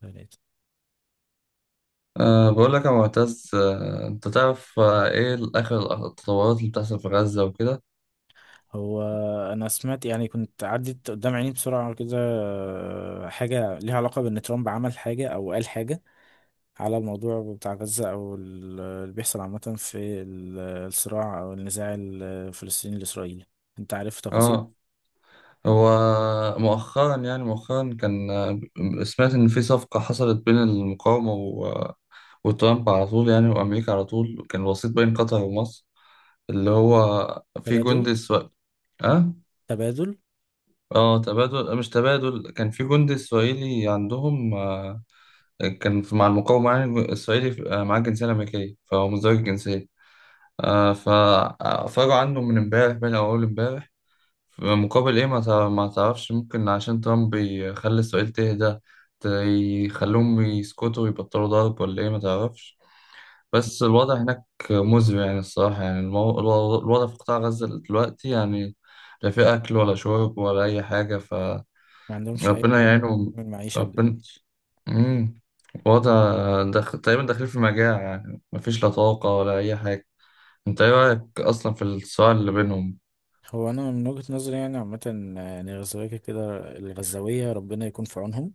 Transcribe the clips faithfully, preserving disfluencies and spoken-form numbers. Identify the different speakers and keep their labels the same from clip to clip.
Speaker 1: ثلاثة.
Speaker 2: أه بقول لك يا معتز، أه انت تعرف أه ايه اخر التطورات اللي بتحصل في غزة وكده.
Speaker 1: هو أنا سمعت يعني كنت عدت قدام عيني بسرعة كده، آه، حاجة ليها علاقة بإن ترامب عمل حاجة أو قال حاجة على الموضوع بتاع غزة، أو ال- اللي بيحصل عامة في ال- الصراع أو النزاع الفلسطيني الإسرائيلي. أنت عارف تفاصيل؟
Speaker 2: اه، هو مؤخرا، يعني مؤخرا كان آه، سمعت ان في صفقة حصلت بين المقاومة و- آه، وترامب، على طول يعني وامريكا، على طول كان وسيط بين قطر ومصر. اللي هو في جندي
Speaker 1: تبادل.
Speaker 2: اسرائيلي. اه.
Speaker 1: تبادل.
Speaker 2: اه تبادل، مش تبادل، كان في جندي اسرائيلي عندهم، آه، كان في- مع المقاومة، يعني اسرائيلي آه، معاه جنسية امريكية، فهو مزدوج الجنسية. آه، فأفرجوا عنه من امبارح بين أول امبارح، في مقابل إيه ما تع- ما تعرفش. ممكن عشان ترامب يخلي إسرائيل تهدى، ت- يخلوهم يسكتوا ويبطلوا ضرب، ولا إيه ما تعرفش. بس الوضع هناك مزري، يعني الصراحة، يعني المو... الو- الوضع في قطاع غزة دلوقتي، يعني لا في أكل ولا شرب ولا أي حاجة. فربنا
Speaker 1: ما عندهمش أي حاجة
Speaker 2: يعينهم.
Speaker 1: من المعيشة.
Speaker 2: ربنا. مم. وضع دخ... تقريبا داخلين في مجاعة، يعني مفيش لا طاقة ولا أي حاجة. انت ايه رايك اصلا في الصراع اللي بينهم؟
Speaker 1: هو انا من وجهة نظري يعني عامه، يعني الغزاويه كده كده- الغزاويه ربنا يكون في عونهم.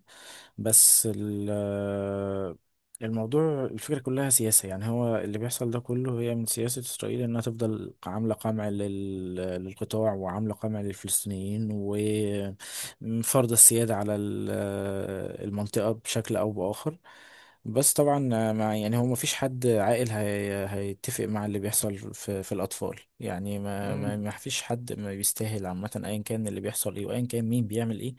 Speaker 1: بس ال- الموضوع، الفكره كلها سياسه، يعني هو اللي بيحصل ده كله هي من سياسه اسرائيل، انها تفضل عامله قمع لل- للقطاع، وعامله قمع للفلسطينيين، وفرض السياده على ال- المنطقه بشكل او باخر. بس طبعا مع، يعني هو مفيش حد عاقل هي هيتفق مع اللي بيحصل في, في الأطفال يعني. ما
Speaker 2: مم.
Speaker 1: ما فيش حد ما بيستاهل عامة، أيا كان اللي بيحصل إيه وأيا كان مين بيعمل إيه.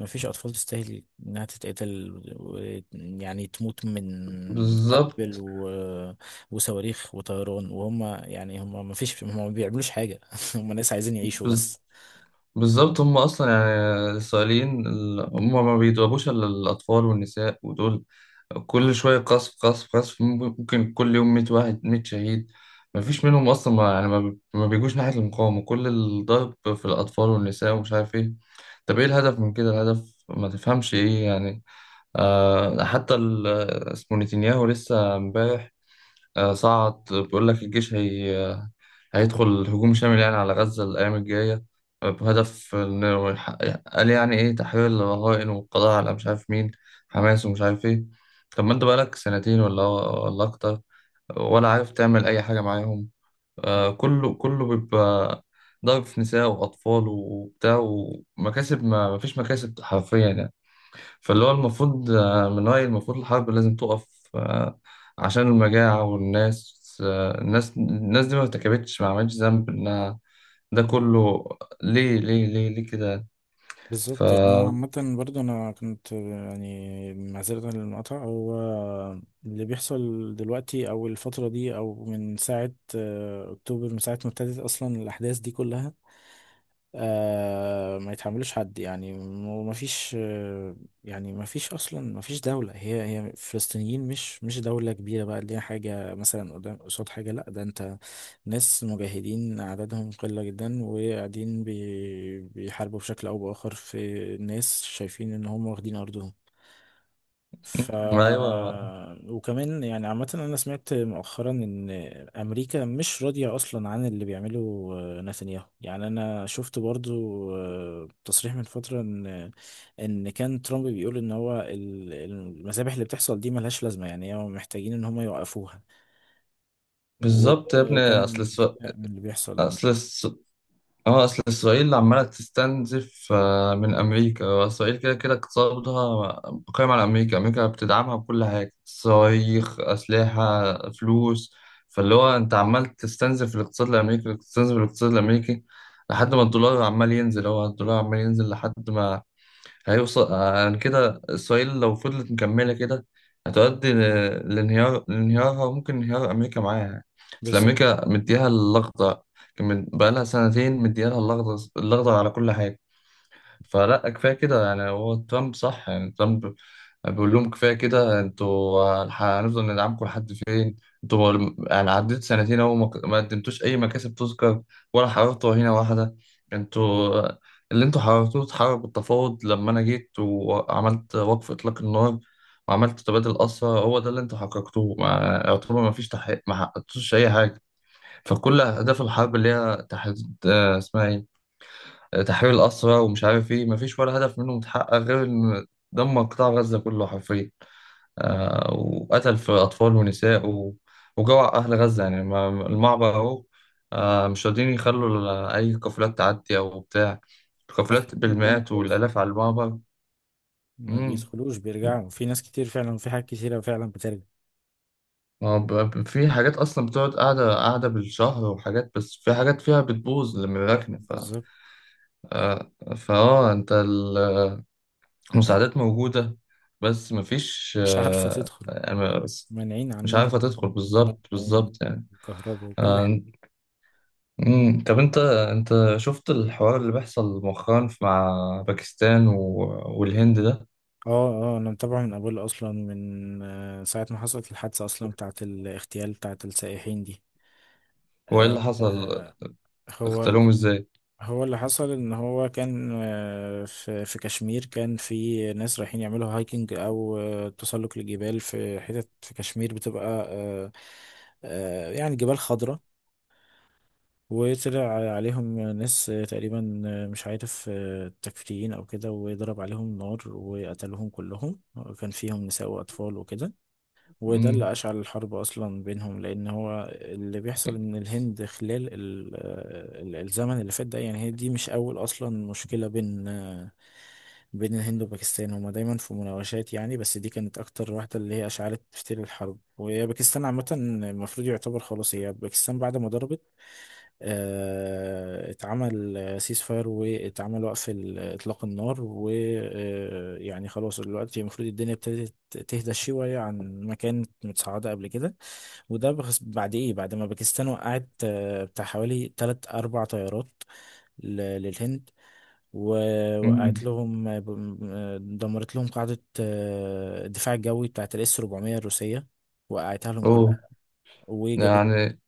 Speaker 1: ما فيش أطفال تستاهل إنها تتقتل و- يعني تموت من قنبل
Speaker 2: بالظبط.
Speaker 1: و... وصواريخ وطيران. وهم يعني هم ما فيش، هم ما بيعملوش حاجة. هم ناس عايزين يعيشوا
Speaker 2: بز-
Speaker 1: بس.
Speaker 2: بالظبط، هم اصلا يعني الاسرائيليين ال- هم ما بيضربوش الا الاطفال والنساء ودول. كل شويه قصف قصف قصف، ممكن ممكن كل يوم مية واحد، مية شهيد. ما فيش منهم اصلا، ما يعني ما بي- ما بيجوش ناحيه المقاومه، كل الضرب في الاطفال والنساء ومش عارف ايه. طب ايه الهدف من كده؟ الهدف ما تفهمش ايه يعني. آه، حتى ال- اسمه نتنياهو لسه امبارح آه، صعد بيقول لك الجيش هي، آه، هيدخل هجوم شامل يعني على غزة الأيام الجاية، آه، بهدف إنه يحقق- قال يعني إيه تحويل الرهائن، والقضاء على مش عارف مين حماس ومش عارف إيه. طب ما أنت بقالك سنتين ولا ولا أكتر، ولا عارف تعمل أي حاجة معاهم. آه، كله كله بيبقى ضرب في نساء وأطفال وبتاع، ومكاسب ما مفيش مكاسب حرفيا يعني. فاللي هو المفروض، آه، من رأيي المفروض الحرب لازم تقف، آه، عشان المجاعة والناس. آه، الناس الناس دي ما ارتكبتش، ما عملتش ذنب إنها ده كله. ليه ليه ليه ليه كده؟ ف،
Speaker 1: بالظبط يعني. انا عامه برضو انا كنت، يعني معذره للمقاطعه، هو اللي بيحصل دلوقتي، او الفتره دي، او من ساعه آه، اكتوبر، من ساعه ما ابتدت اصلا الاحداث دي كلها، آه ما يتحملوش حد، يعني وما فيش آه يعني، ما فيش اصلا، ما فيش دولة، هي هي فلسطينيين مش مش دولة كبيرة بقى اللي هي حاجة مثلا قدام قصاد حاجة. لا، ده انت ناس مجاهدين عددهم قلة جدا، وقاعدين بي بيحاربوا بشكل او باخر في ناس شايفين ان هم واخدين ارضهم. ف،
Speaker 2: أيوه،
Speaker 1: وكمان يعني عامة أنا سمعت مؤخرا إن أمريكا مش راضية أصلا عن اللي بيعمله آه، نتنياهو. يعني أنا شفت برضو آه، تصريح من فترة إن، إن كان ترامب بيقول إن هو ال- المذابح اللي بتحصل دي ملهاش لازمة، يعني هم محتاجين إن هم يوقفوها.
Speaker 2: بالظبط يا ابني.
Speaker 1: وكان
Speaker 2: أصل الس-
Speaker 1: مستاء من اللي بيحصل عامة.
Speaker 2: أصل اه، اصل اسرائيل عماله تستنزف، آه، من امريكا. اسرائيل كده كده اقتصادها قائم على امريكا، امريكا بتدعمها بكل حاجه، صواريخ، اسلحه، فلوس. فاللي هو انت عمال تستنزف الاقتصاد الامريكي، تستنزف الاقتصاد الامريكي لحد ما الدولار عمال ينزل. هو الدولار عمال ينزل لحد ما هيوصل عن كده. إسرائيل لو فضلت مكملة كده هتؤدي ل- لانهيار، لانهيارها، ممكن انهيار أمريكا معاها يعني. أصل
Speaker 1: بالظبط.
Speaker 2: أمريكا مديها اللقطة، كان من- بقالها سنتين مديها اللقطة، اللقطة على كل حاجة. فلا، كفايه كده. يعني هو ترامب صح، يعني ترامب بيقول لهم كفايه كده، انتوا هنفضل ندعمكم لحد فين؟ انتوا يعني عديت سنتين اهو، ما ما قدمتوش اي مكاسب تذكر، ولا حررتوا هنا واحده. انتوا اللي انتوا حررتوه اتحرر بالتفاوض، لما انا جيت وعملت وقف اطلاق النار وعملت تبادل اسرى. هو ده اللي انتوا حققتوه. ما يعتبر ما فيش تحقيق، ما حققتوش اي حاجه. فكل اهداف الحرب اللي هي تحديد آه، اسمها ايه، تحرير الأسرى ومش عارف إيه، مفيش ولا هدف منهم اتحقق، غير إن دمر قطاع غزة كله حرفيا، آه، وقتل في أطفال ونساء و... وجوع أهل غزة. يعني ما- المعبر أهو، آه مش راضيين يخلوا ل- أي قافلات تعدي أو بتاع، القافلات
Speaker 1: قافلين الدنيا
Speaker 2: بالمئات
Speaker 1: خالص،
Speaker 2: والآلاف على المعبر.
Speaker 1: ما
Speaker 2: مم.
Speaker 1: بيدخلوش، بيرجعوا. في ناس كتير فعلا وفي حاجات كتيرة فعلا بترجع.
Speaker 2: ما هو، ب- ب- في حاجات أصلا بتقعد قاعدة، قاعدة بالشهر، وحاجات بس في حاجات فيها بتبوظ لما الركنة. ف،
Speaker 1: بالظبط،
Speaker 2: آه، فأه أنت، مساعدات موجودة، بس مفيش
Speaker 1: مش عارفة
Speaker 2: آه،
Speaker 1: تدخل،
Speaker 2: يعني، بس
Speaker 1: مانعين
Speaker 2: مش
Speaker 1: عنهم
Speaker 2: عارفة تدخل،
Speaker 1: المادة
Speaker 2: بالظبط، بالظبط يعني.
Speaker 1: والكهرباء وكل حاجة.
Speaker 2: آه، مم. طب انت، انت شفت الحوار اللي بيحصل مؤخرا في- مع باكستان و- والهند ده؟
Speaker 1: اه. اه انا متابعه من قبل، اصلا من آه، ساعة ما حصلت الحادثة اصلا بتاعة الاغتيال بتاعة السائحين دي.
Speaker 2: وايه
Speaker 1: آه،
Speaker 2: اللي حصل؟
Speaker 1: هو،
Speaker 2: اغتالوهم ازاي؟
Speaker 1: هو اللي حصل ان هو كان آه، في في كشمير، كان في ناس رايحين يعملوا هايكنج او آه، تسلق للجبال في حتت في كشمير بتبقى آه، آه، يعني جبال خضراء. وطلع عليهم ناس تقريبا مش عارف تكفيريين او كده، وضرب عليهم نار وقتلهم كلهم. كان فيهم نساء واطفال وكده. وده
Speaker 2: مم.
Speaker 1: اللي اشعل الحرب اصلا بينهم، لان هو اللي بيحصل ان الهند خلال ال- آه، ال- الزمن اللي فات ده، يعني هي دي مش اول اصلا مشكلة بين بين الهند وباكستان. هما دايما في مناوشات يعني، بس دي كانت اكتر واحدة اللي هي اشعلت فتيل الحرب. وهي باكستان عامة، المفروض يعتبر خلاص، هي باكستان بعد ما ضربت آه، اتعمل سيس فاير، واتعمل وقف ال- اطلاق النار، ويعني خلاص دلوقتي المفروض الدنيا ابتدت تهدى شوية عن ما كانت متصاعدة قبل كده. وده بخس- بعد ايه، بعد ما باكستان وقعت آه، بتاع حوالي تلات أربع طيارات ل- للهند. ووقعت
Speaker 2: مم.
Speaker 1: لهم آه، ب- آه، دمرت لهم قاعدة آه، الدفاع الجوي بتاعت الاس اربعمية الروسية، وقعتها لهم
Speaker 2: اوه.
Speaker 1: كلها.
Speaker 2: ده
Speaker 1: وجابت
Speaker 2: يعني،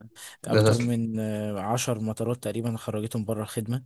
Speaker 2: ده
Speaker 1: أكتر
Speaker 2: تسليح،
Speaker 1: من آه، عشر مطارات تقريبا خرجتهم بره الخدمة.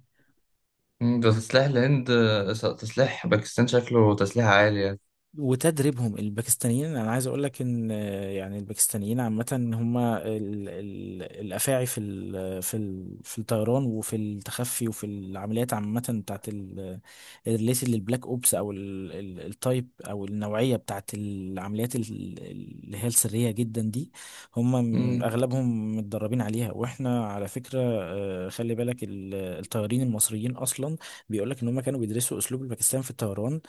Speaker 2: ده تسليح الهند آه، تسليح باكستان، شكله تسليح عالي يعني.
Speaker 1: وتدريبهم، الباكستانيين انا عايز اقول لك ان آه، يعني الباكستانيين عامه هم ال- ال- الافاعي في ال- في ال- في الطيران وفي التخفي وفي العمليات عامه بتاعت ال- الريليتد للبلاك اوبس، او ال- ال- التايب او النوعيه بتاعت العمليات ال- اللي هي السريه جدا دي. هم من-
Speaker 2: مم.
Speaker 1: اغلبهم متدربين عليها. واحنا على فكره آه، خلي بالك ال- الطيارين المصريين اصلا بيقول لك ان هم كانوا بيدرسوا اسلوب الباكستان في الطيران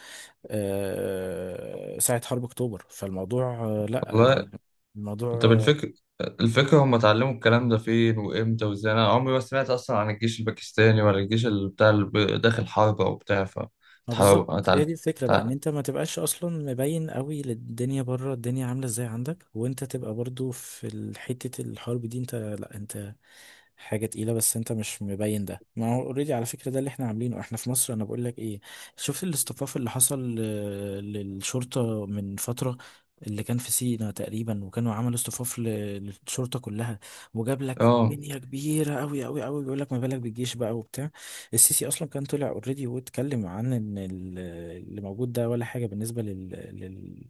Speaker 1: آه، ساعة حرب أكتوبر. فالموضوع آه، لأ
Speaker 2: والله.
Speaker 1: يعني، الموضوع
Speaker 2: طب
Speaker 1: آه،
Speaker 2: الفكر الفكرة هم اتعلموا الكلام ده فين وامتى وازاي؟ انا عمري ما سمعت اصلا عن الجيش الباكستاني ولا الجيش اللي بتاع، اللي ب- داخل حرب او بتاع. ف،
Speaker 1: ما
Speaker 2: اتحرب،
Speaker 1: بالظبط هي
Speaker 2: اتعلم،
Speaker 1: دي الفكرة بقى،
Speaker 2: اتعلم.
Speaker 1: ان انت ما تبقاش اصلا مبين قوي للدنيا بره، الدنيا عاملة ازاي عندك، وانت تبقى برضو في ال- حتة الحرب دي انت. لا انت حاجة تقيلة، بس انت مش مبين. ده ما هو اوريدي على فكرة ده اللي احنا عاملينه احنا في مصر. انا بقول لك ايه، شفت الاصطفاف اللي حصل آه، للشرطة من فترة، اللي كان في سينا تقريبا؟ وكانوا عملوا اصطفاف ل- للشرطة كلها، وجاب لك
Speaker 2: اه،
Speaker 1: دنيا كبيرة قوي قوي قوي. بيقول لك ما بالك بالجيش بقى وبتاع. السيسي اصلا كان طلع اوريدي واتكلم عن ان ال- اللي موجود ده ولا حاجه بالنسبه لل, لل...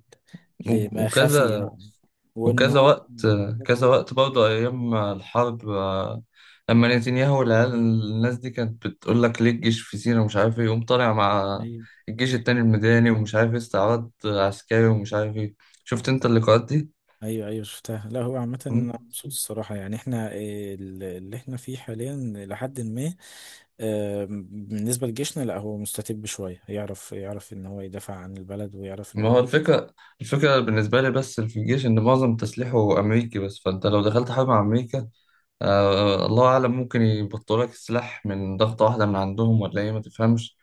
Speaker 2: و-
Speaker 1: لما خفي داتا
Speaker 2: وكذا،
Speaker 1: يعني، وان
Speaker 2: وكذا
Speaker 1: هو
Speaker 2: وقت، كذا وقت برضه ايام الحرب. آه، لما نتنياهو والعيال، الناس دي كانت بتقول لك ليه الجيش في سيناء ومش عارف ايه، يقوم طالع مع
Speaker 1: ايوه
Speaker 2: الجيش التاني الميداني ومش عارف ايه، استعراض عسكري ومش عارف ايه. شفت انت اللقاءات
Speaker 1: ايوه أيوة، شفتها. لا هو عامه انا
Speaker 2: دي؟
Speaker 1: مبسوط الصراحه، يعني احنا إيه، ال- اللي احنا فيه حاليا لحد ما آه، بالنسبه لجيشنا. لا هو مستتب شويه، يعرف يعرف ان هو يدافع عن البلد، ويعرف ان
Speaker 2: ما هو
Speaker 1: هو
Speaker 2: الفكرة، الفكرة بالنسبة لي بس في الجيش إن معظم تسليحه أمريكي. بس فأنت لو دخلت حرب مع أمريكا، آه، الله أعلم ممكن يبطلوا لك السلاح من ضغطة واحدة من عندهم، ولا إيه ما تفهمش.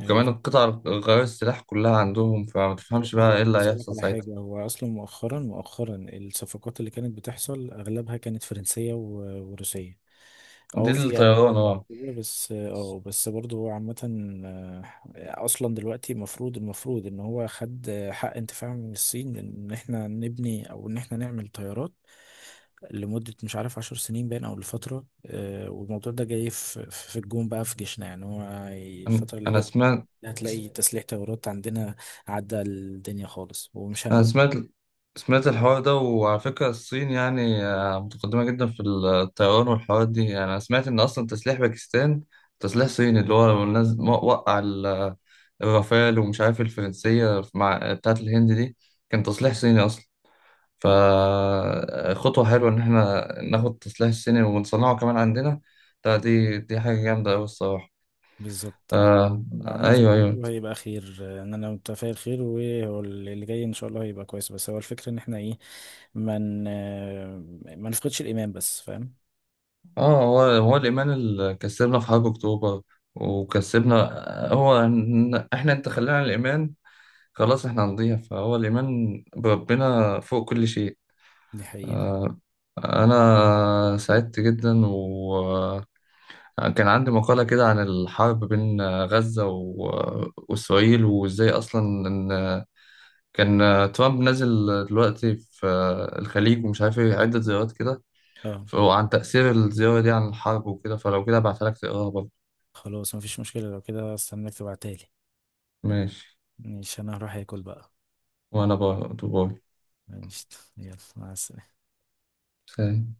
Speaker 1: آه،
Speaker 2: القطع غيار السلاح كلها عندهم، فما
Speaker 1: لا،
Speaker 2: تفهمش
Speaker 1: هو
Speaker 2: بقى إيه اللي
Speaker 1: عايز اقول لك
Speaker 2: هيحصل
Speaker 1: على
Speaker 2: ساعتها.
Speaker 1: حاجه، هو اصلا مؤخرا مؤخرا الصفقات اللي كانت بتحصل اغلبها كانت فرنسيه و- وروسيه.
Speaker 2: دي
Speaker 1: اه في امريكا
Speaker 2: الطيران، أه.
Speaker 1: كده بس. اه بس برضه هو عامة آه، اصلا دلوقتي المفروض، المفروض ان هو خد آه، حق انتفاع من الصين ان احنا نبني، او ان احنا نعمل طيارات لمدة مش عارف عشر سنين باين او لفترة آه، والموضوع ده جاي في في الجون بقى في جيشنا. يعني هو
Speaker 2: أنا
Speaker 1: الفترة اللي
Speaker 2: أنا
Speaker 1: جاية
Speaker 2: سمعت،
Speaker 1: هتلاقي تسليح طيارات عندنا عدى الدنيا خالص، ومش
Speaker 2: أنا
Speaker 1: هنقول.
Speaker 2: سمعت سمعت الحوار ده. وعلى فكرة الصين يعني آه، متقدمة جدا في الطيران والحوارات دي، يعني أنا سمعت إن أصلا تسليح باكستان تسليح صيني، اللي هو لما نز- مو- وقع ال- الرافال ومش عارف الفرنسية مع بتاعت الهند دي، كان تسليح صيني أصلا. فخطوة حلوة إن إحنا ناخد التسليح الصيني ونصنعه كمان عندنا. ده، دي دي حاجة جامدة أوي الصراحة.
Speaker 1: بالظبط يعني.
Speaker 2: آه،
Speaker 1: عامة
Speaker 2: أيوه، أيوه.
Speaker 1: كله هيبقى خير آه، ان انا متفائل خير، وهو اللي جاي ان شاء الله هيبقى كويس. بس هو الفكرة ان احنا ايه، من، ما نفقدش الايمان بس، فاهم؟
Speaker 2: اه، هو هو الإيمان اللي كسبنا في حرب أكتوبر، وكسبنا، هو إن- احنا، انت خلينا الإيمان خلاص، احنا هنضيع. فهو الإيمان بربنا فوق كل شيء.
Speaker 1: دي حقيقة.
Speaker 2: آه. أنا سعدت جدا، وكان عندي مقالة كده عن الحرب بين غزة و- وإسرائيل، وإزاي أصلا إن كان ترامب نازل دلوقتي في الخليج ومش عارف ايه، عدة زيارات كده،
Speaker 1: اه.
Speaker 2: وعن تأثير الزيارة دي عن الحرب وكده. فلو كده ابعتها لك تقراها برضه.
Speaker 1: خلاص مفيش مشكلة، لو كده استناك تبعتها لي.
Speaker 2: ماشي.
Speaker 1: مش انا هروح اكل بقى.
Speaker 2: وأنا برضه، باي.
Speaker 1: ماشي. يلا مع السلامة.
Speaker 2: سلام.